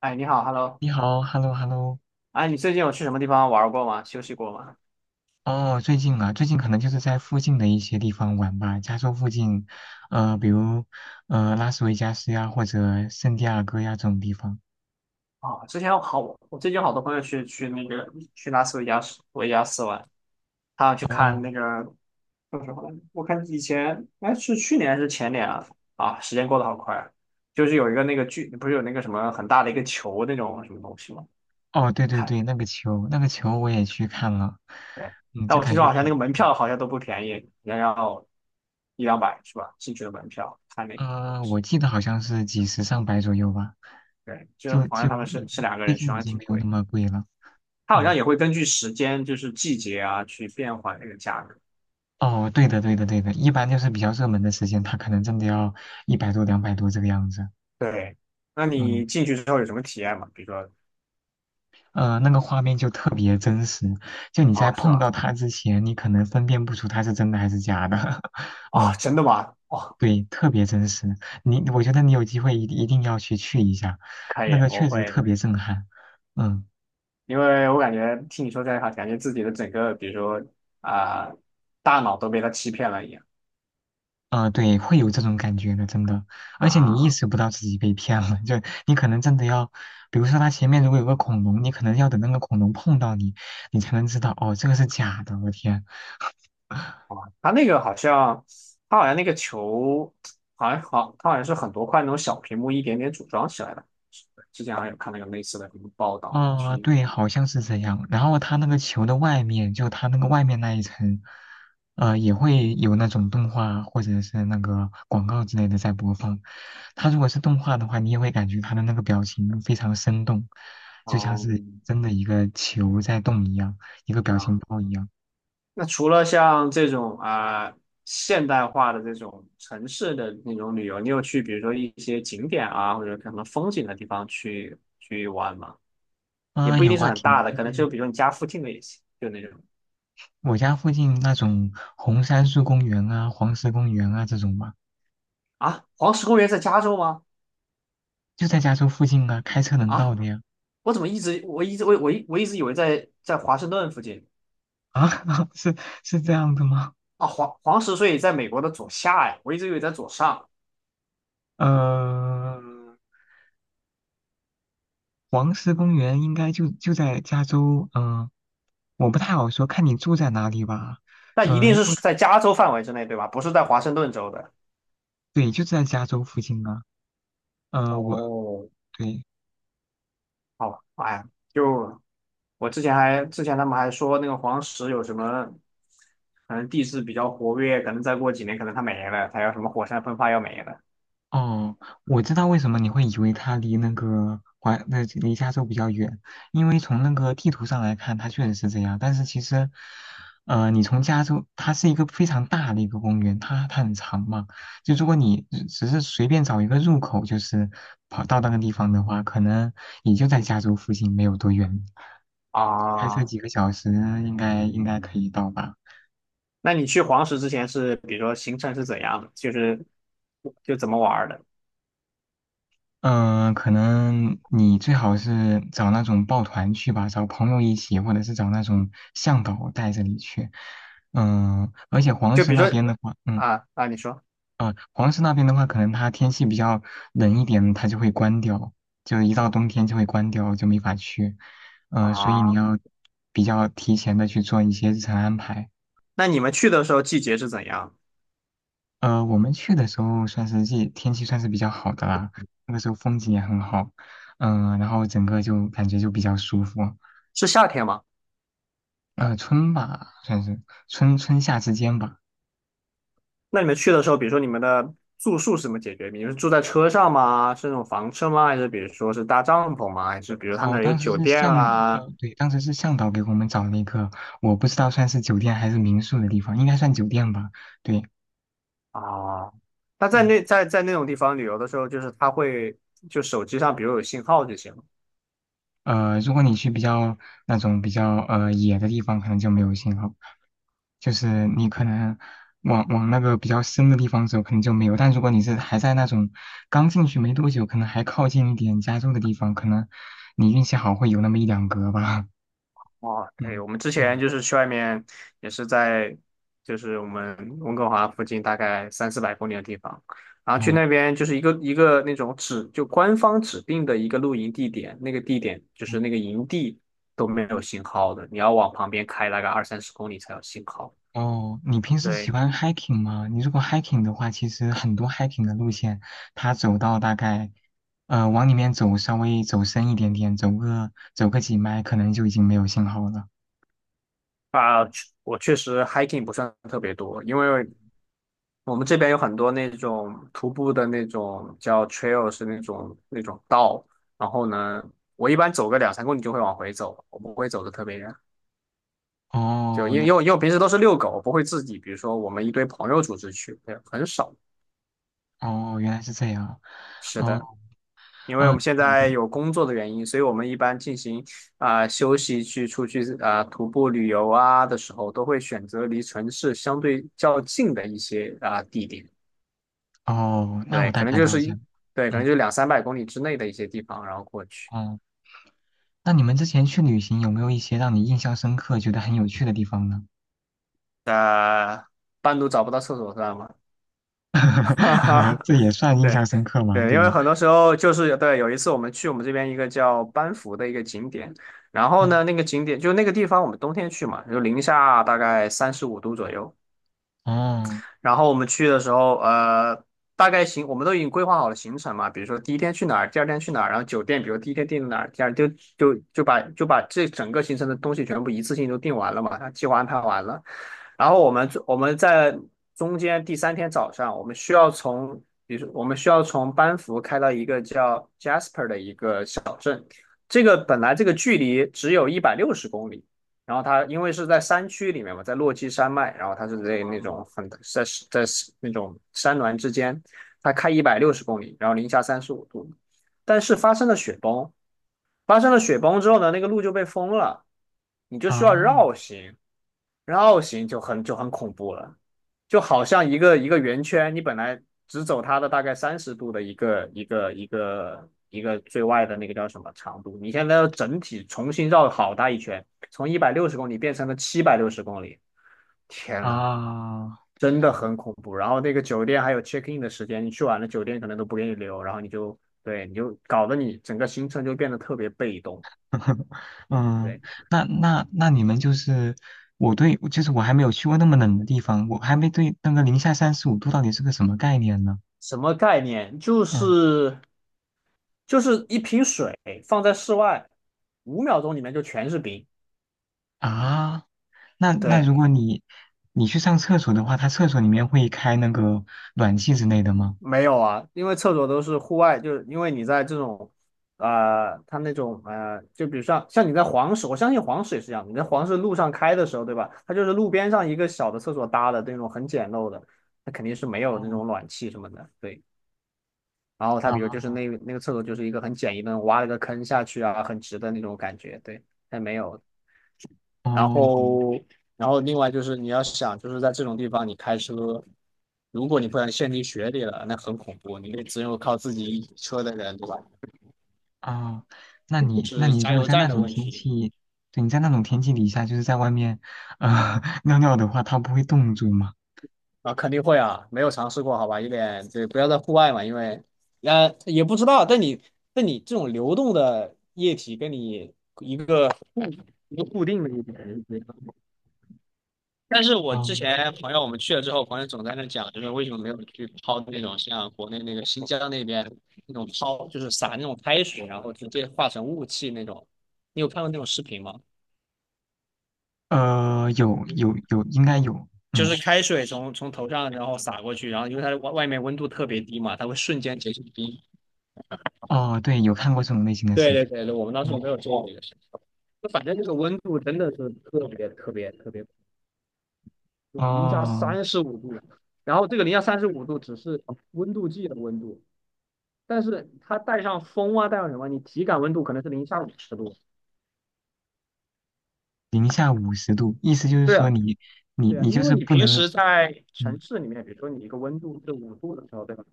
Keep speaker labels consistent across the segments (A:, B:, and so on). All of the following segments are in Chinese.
A: 哎，你好，Hello。
B: 你好，hello hello。
A: 哎，你最近有去什么地方玩过吗？休息过吗？
B: 哦，最近可能就是在附近的一些地方玩吧，加州附近，比如拉斯维加斯呀，或者圣地亚哥呀这种地方。
A: 啊、之前我最近有好多朋友去去那个去拉斯维加斯玩，他要去看
B: 哦
A: 那个叫什么来着？我看以前哎是去年还是前年啊？啊，时间过得好快，就是有一个那个剧，不是有那个什么很大的一个球那种什么东西吗？
B: 哦，对对
A: 看，
B: 对，那个球我也去看了，
A: 对，
B: 嗯，
A: 但
B: 就
A: 我
B: 感
A: 听说
B: 觉
A: 好像那个
B: 挺，
A: 门票好像都不便宜，要一两百是吧？进去的门票看那个东西，
B: 我记得好像是几十上百左右吧，
A: 对，就是
B: 就
A: 朋友
B: 就
A: 他们是
B: 已
A: 是两个
B: 最
A: 人去，
B: 近
A: 好
B: 已
A: 像
B: 经
A: 挺
B: 没有那
A: 贵。
B: 么贵了。
A: 它好像
B: 嗯，
A: 也会根据时间，就是季节啊，去变换那个价格。
B: 哦，对的对的对的，一般就是比较热门的时间，它可能真的要一百多两百多这个样子。
A: 对，那
B: 嗯。
A: 你进去之后有什么体验吗？比如说，
B: 那个画面就特别真实，就你在
A: 啊，是
B: 碰
A: 吧？
B: 到它之前，你可能分辨不出它是真的还是假的。
A: 哦，
B: 嗯，
A: 真的吗？哦，
B: 对，特别真实。我觉得你有机会一定要去一下，
A: 可
B: 那
A: 以，
B: 个
A: 我
B: 确实
A: 会
B: 特
A: 的，
B: 别震撼。嗯，
A: 因为我感觉听你说这一话，感觉自己的整个，比如说啊、大脑都被他欺骗了一样
B: 啊、对，会有这种感觉的，真的。而且你意
A: 啊。
B: 识不到自己被骗了，就你可能真的要，比如说它前面如果有个恐龙，你可能要等那个恐龙碰到你，你才能知道，哦，这个是假的，我天。
A: 哦，他那个好像，他好像那个球，好像好，他好像是很多块那种小屏幕一点点组装起来的。之前好像有看那个类似的什么报道啊，
B: 啊、
A: 去，
B: 对，好像是这样。然后它那个球的外面，就它那个外面那一层，也会有那种动画或者是那个广告之类的在播放。它如果是动画的话，你也会感觉它的那个表情非常生动，就像是
A: 嗯，
B: 真的一个球在动一样，一个表情包一样。
A: 那除了像这种啊、现代化的这种城市的那种旅游，你有去比如说一些景点啊，或者什么风景的地方去玩吗？也
B: 啊、
A: 不一
B: 有
A: 定是
B: 啊，
A: 很
B: 挺
A: 大的，
B: 多
A: 可
B: 的
A: 能
B: 呀。
A: 就比如说你家附近的也行，就那种
B: 我家附近那种红杉树公园啊、黄石公园啊这种嘛，
A: 啊，黄石公园在加州吗？
B: 就在加州附近啊，开车能到
A: 啊，
B: 的呀。
A: 我怎么一直我一直我我一我一直以为在华盛顿附近
B: 啊，是是这样的吗？
A: 啊，黄石所以在美国的左下呀，我一直以为在左上，
B: 嗯，黄石公园应该就在加州，嗯、我不太好说，看你住在哪里吧。
A: 但一
B: 嗯，
A: 定是在加州范围之内对吧？不是在华盛顿州的。
B: 对，就在加州附近啊。呃，我
A: 哦，
B: 对，
A: 好，哎呀。就我之前还之前他们还说那个黄石有什么，可能地质比较活跃，可能再过几年可能它没了，它要什么火山喷发要没了
B: 哦，我知道为什么你会以为它离那个那离加州比较远，因为从那个地图上来看，它确实是这样。但是其实，你从加州，它是一个非常大的一个公园，它很长嘛。就如果你只是随便找一个入口，就是跑到那个地方的话，可能也就在加州附近没有多远，开车
A: 啊。
B: 几个小时应该可以到吧。
A: 那你去黄石之前是，比如说行程是怎样的，就是就怎么玩儿的？
B: 嗯、可能你最好是找那种抱团去吧，找朋友一起，或者是找那种向导带着你去。嗯、而且
A: 就比如说你说
B: 黄石那边的话，可能它天气比较冷一点，它就会关掉，就一到冬天就会关掉，就没法去。所以你
A: 啊，
B: 要比较提前的去做一些日程安排。
A: 那你们去的时候季节是怎样？
B: 我们去的时候算是季天气算是比较好的啦，那个时候风景也很好，嗯、然后整个就感觉就比较舒服。
A: 是夏天吗？
B: 春吧，算是春夏之间吧。
A: 那你们去的时候，比如说你们的住宿是怎么解决？你们是住在车上吗？是那种房车吗？还是比如说是搭帐篷吗？还是比如他那
B: 哦，
A: 儿有
B: 当时
A: 酒
B: 是
A: 店
B: 向
A: 啊？
B: 对，当时是向导给我们找了一个，我不知道算是酒店还是民宿的地方，应该算酒店吧。对，
A: 啊，那在
B: 嗯、
A: 那在那种地方旅游的时候，就是它会就手机上，比如有信号就行了。
B: 如果你去那种比较野的地方，可能就没有信号，就是你可能往往那个比较深的地方走，可能就没有。但如果你是还在那种刚进去没多久，可能还靠近一点加州的地方，可能你运气好会有那么一两格吧。
A: 哦，对，
B: 嗯
A: 我们之前
B: 嗯，
A: 就是去外面，也是在就是我们温哥华附近大概三四百公里的地方，然后去
B: 哦。
A: 那边就是一个一个那种指就官方指定的一个露营地点，那个地点就是那个营地都没有信号的，你要往旁边开大概二三十公里才有信号。
B: 哦，你平时喜
A: 对
B: 欢 hiking 吗？你如果 hiking 的话，其实很多 hiking 的路线，它走到大概，往里面走，稍微走深一点点，走个几迈，可能就已经没有信号了。
A: 啊，我确实 hiking 不算特别多，因为我们这边有很多那种徒步的那种叫 trail，是那种那种道。然后呢，我一般走个两三公里就会往回走，我不会走的特别远。就
B: 哦，
A: 因为因为因为我平时都是遛狗，我不会自己，比如说我们一堆朋友组织去，对，很少。
B: 原来是这样。
A: 是的，
B: 哦，
A: 因为我
B: 呃，
A: 们现
B: 你
A: 在
B: 们
A: 有工作的原因，所以我们一般进行啊、休息去出去啊、徒步旅游啊的时候，都会选择离城市相对较近的一些啊、地点。
B: 哦，那我
A: 对，
B: 大
A: 可能
B: 概
A: 就
B: 了
A: 是
B: 解了。
A: 一，对，可
B: 嗯，
A: 能就两三百公里之内的一些地方，然后过去。
B: 哦，那你们之前去旅行有没有一些让你印象深刻、觉得很有趣的地方呢？
A: 呃，半路找不到厕所算吗？哈哈
B: 这也算印象
A: 对，
B: 深刻吗？
A: 对，
B: 对
A: 因为
B: 吧？
A: 很多时候就是对，有一次我们去我们这边一个叫班夫的一个景点，然后
B: 嗯，
A: 呢，那个景点就那个地方我们冬天去嘛，就零下大概三十五度左右，
B: 哦，
A: 然后我们去的时候，大概行，我们都已经规划好了行程嘛，比如说第一天去哪儿，第二天去哪儿，然后酒店，比如第一天定哪儿，第二天就把这整个行程的东西全部一次性都定完了嘛，计划安排完了。然后我们在中间第三天早上，我们需要从，比如说我们需要从班夫开到一个叫 Jasper 的一个小镇，这个本来这个距离只有一百六十公里，然后它因为是在山区里面嘛，在落基山脉，然后它是在那
B: 哦，
A: 种很在在那种山峦之间，它开一百六十公里，然后零下三十五度，但是发生了雪崩，发生了雪崩之后呢，那个路就被封了，你就需要
B: 啊。
A: 绕行，绕行就很就很恐怖了，就好像一个一个圆圈，你本来只走它的大概30度的一个最外的那个叫什么长度，你现在要整体重新绕好大一圈，从一百六十公里变成了760公里，天呐，
B: 啊，
A: 真的很恐怖。然后那个酒店还有 check in 的时间，你去晚了酒店可能都不给你留，然后你就对你就搞得你整个行程就变得特别被动。对，
B: 嗯，那你们就是，对，就是我还没有去过那么冷的地方，我还没对那个零下35度到底是个什么概念呢？
A: 什么概念？就
B: 嗯
A: 是就是一瓶水放在室外，5秒钟里面就全是冰。
B: 啊，那如
A: 对，
B: 果你去上厕所的话，它厕所里面会开那个暖气之类的吗？
A: 没有啊，因为厕所都是户外，就是因为你在这种，它那种就比如像你在黄石，我相信黄石也是这样，你在黄石路上开的时候，对吧？它就是路边上一个小的厕所搭的那种很简陋的，它肯定是没有那
B: 嗯
A: 种暖气什么的。对，然后它比如就是
B: 啊
A: 那那个厕所就是一个很简易的，挖了个坑下去啊，很直的那种感觉。对，它没有。然
B: 哦
A: 后，然后另外就是你要想，就是在这种地方你开车，如果你不小心陷进雪里了，那很恐怖，你得只有靠自己车的人，对吧？
B: 啊，那你那
A: 是
B: 你
A: 加
B: 如果
A: 油
B: 在
A: 站
B: 那
A: 的
B: 种
A: 问
B: 天
A: 题
B: 气，对，你在那种天气底下，就是在外面，尿尿的话，它不会冻住吗？
A: 啊，肯定会啊，没有尝试过，好吧，有点对，不要在户外嘛，因为啊也不知道，但你但你这种流动的液体跟你一个固一个固定的一点，但是我之
B: 哦，
A: 前朋友我们去了之后，朋友总在那讲，就是为什么没有去泡那种像国内那个新疆那边那种泡，就是撒那种开水，然后直接化成雾气那种。你有看过那种视频吗？
B: 有有有，应该有，
A: 就
B: 嗯，
A: 是开水从头上然后洒过去，然后因为它的外面温度特别低嘛，它会瞬间结成冰。
B: 哦，对，有看过这种类型的
A: 对
B: 视
A: 对
B: 频，
A: 对对，我们当时
B: 嗯，
A: 没有做这个事情。就反正这个温度真的是特别特别特别，就零下
B: 哦，
A: 三十五度，然后这个零下三十五度只是温度计的温度，但是它带上风啊，带上什么，你体感温度可能是零下50度。
B: 零下五十度，意思就是
A: 对
B: 说
A: 啊，
B: 你你
A: 对啊，
B: 你就
A: 因为
B: 是
A: 你
B: 不
A: 平
B: 能，
A: 时在
B: 嗯，
A: 城市里面，比如说你一个温度是五度的时候，对吧？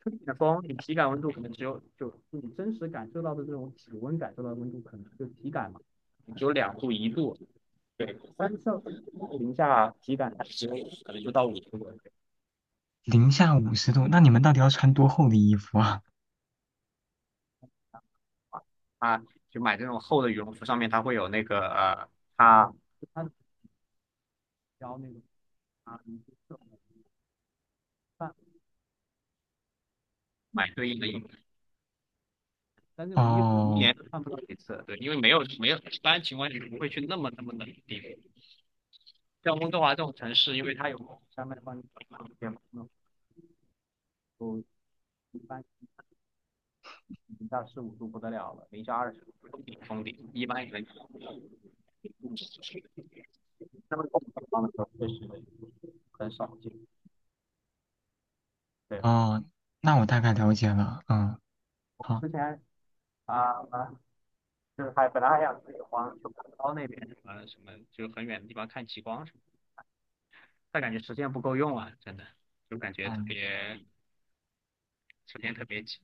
A: 吹点风，你体感温度可能只有就你真实感受到的这种体温感受到的温度，可能就体感嘛，只有两度一度。对，三上零下体感只有可能就到五度了。
B: 零下五十度，那你们到底要穿多厚的衣服啊？
A: 啊，就买这种厚的羽绒服，上面它会有那个它它标那个啊，买对应的衣但这种衣服一
B: 哦
A: 年都穿不到几次，对，因为没有，一般情况下不会去那么那么冷的地方。像温哥华这种城市，因为它有山脉帮你挡一些那都一般零下十五度不得了了，零下20度封顶封顶，一般也能。那么地方的时候确实很少见。对，
B: 哦，那我大概了解了，嗯，
A: 我
B: 好，
A: 之前啊啊，就是还本来还想自己花去广州那边什么什么，就很远的地方看极光什么，但感觉时间不够用啊，真的就感觉特
B: 嗯
A: 别时间特别紧。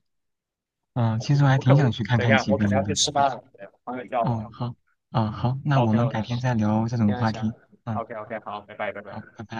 B: 嗯，其实我还
A: 我可
B: 挺
A: 我
B: 想去看
A: 等一
B: 看
A: 下，
B: 极
A: 我可
B: 光
A: 能
B: 的，
A: 要去吃饭了，朋友叫我。
B: 哦，好，啊，好，那我
A: OK
B: 们改
A: OK，
B: 天
A: 行
B: 再聊这种
A: 行
B: 话
A: 下。
B: 题，嗯，
A: OK OK，好，拜拜拜拜。
B: 好，拜拜。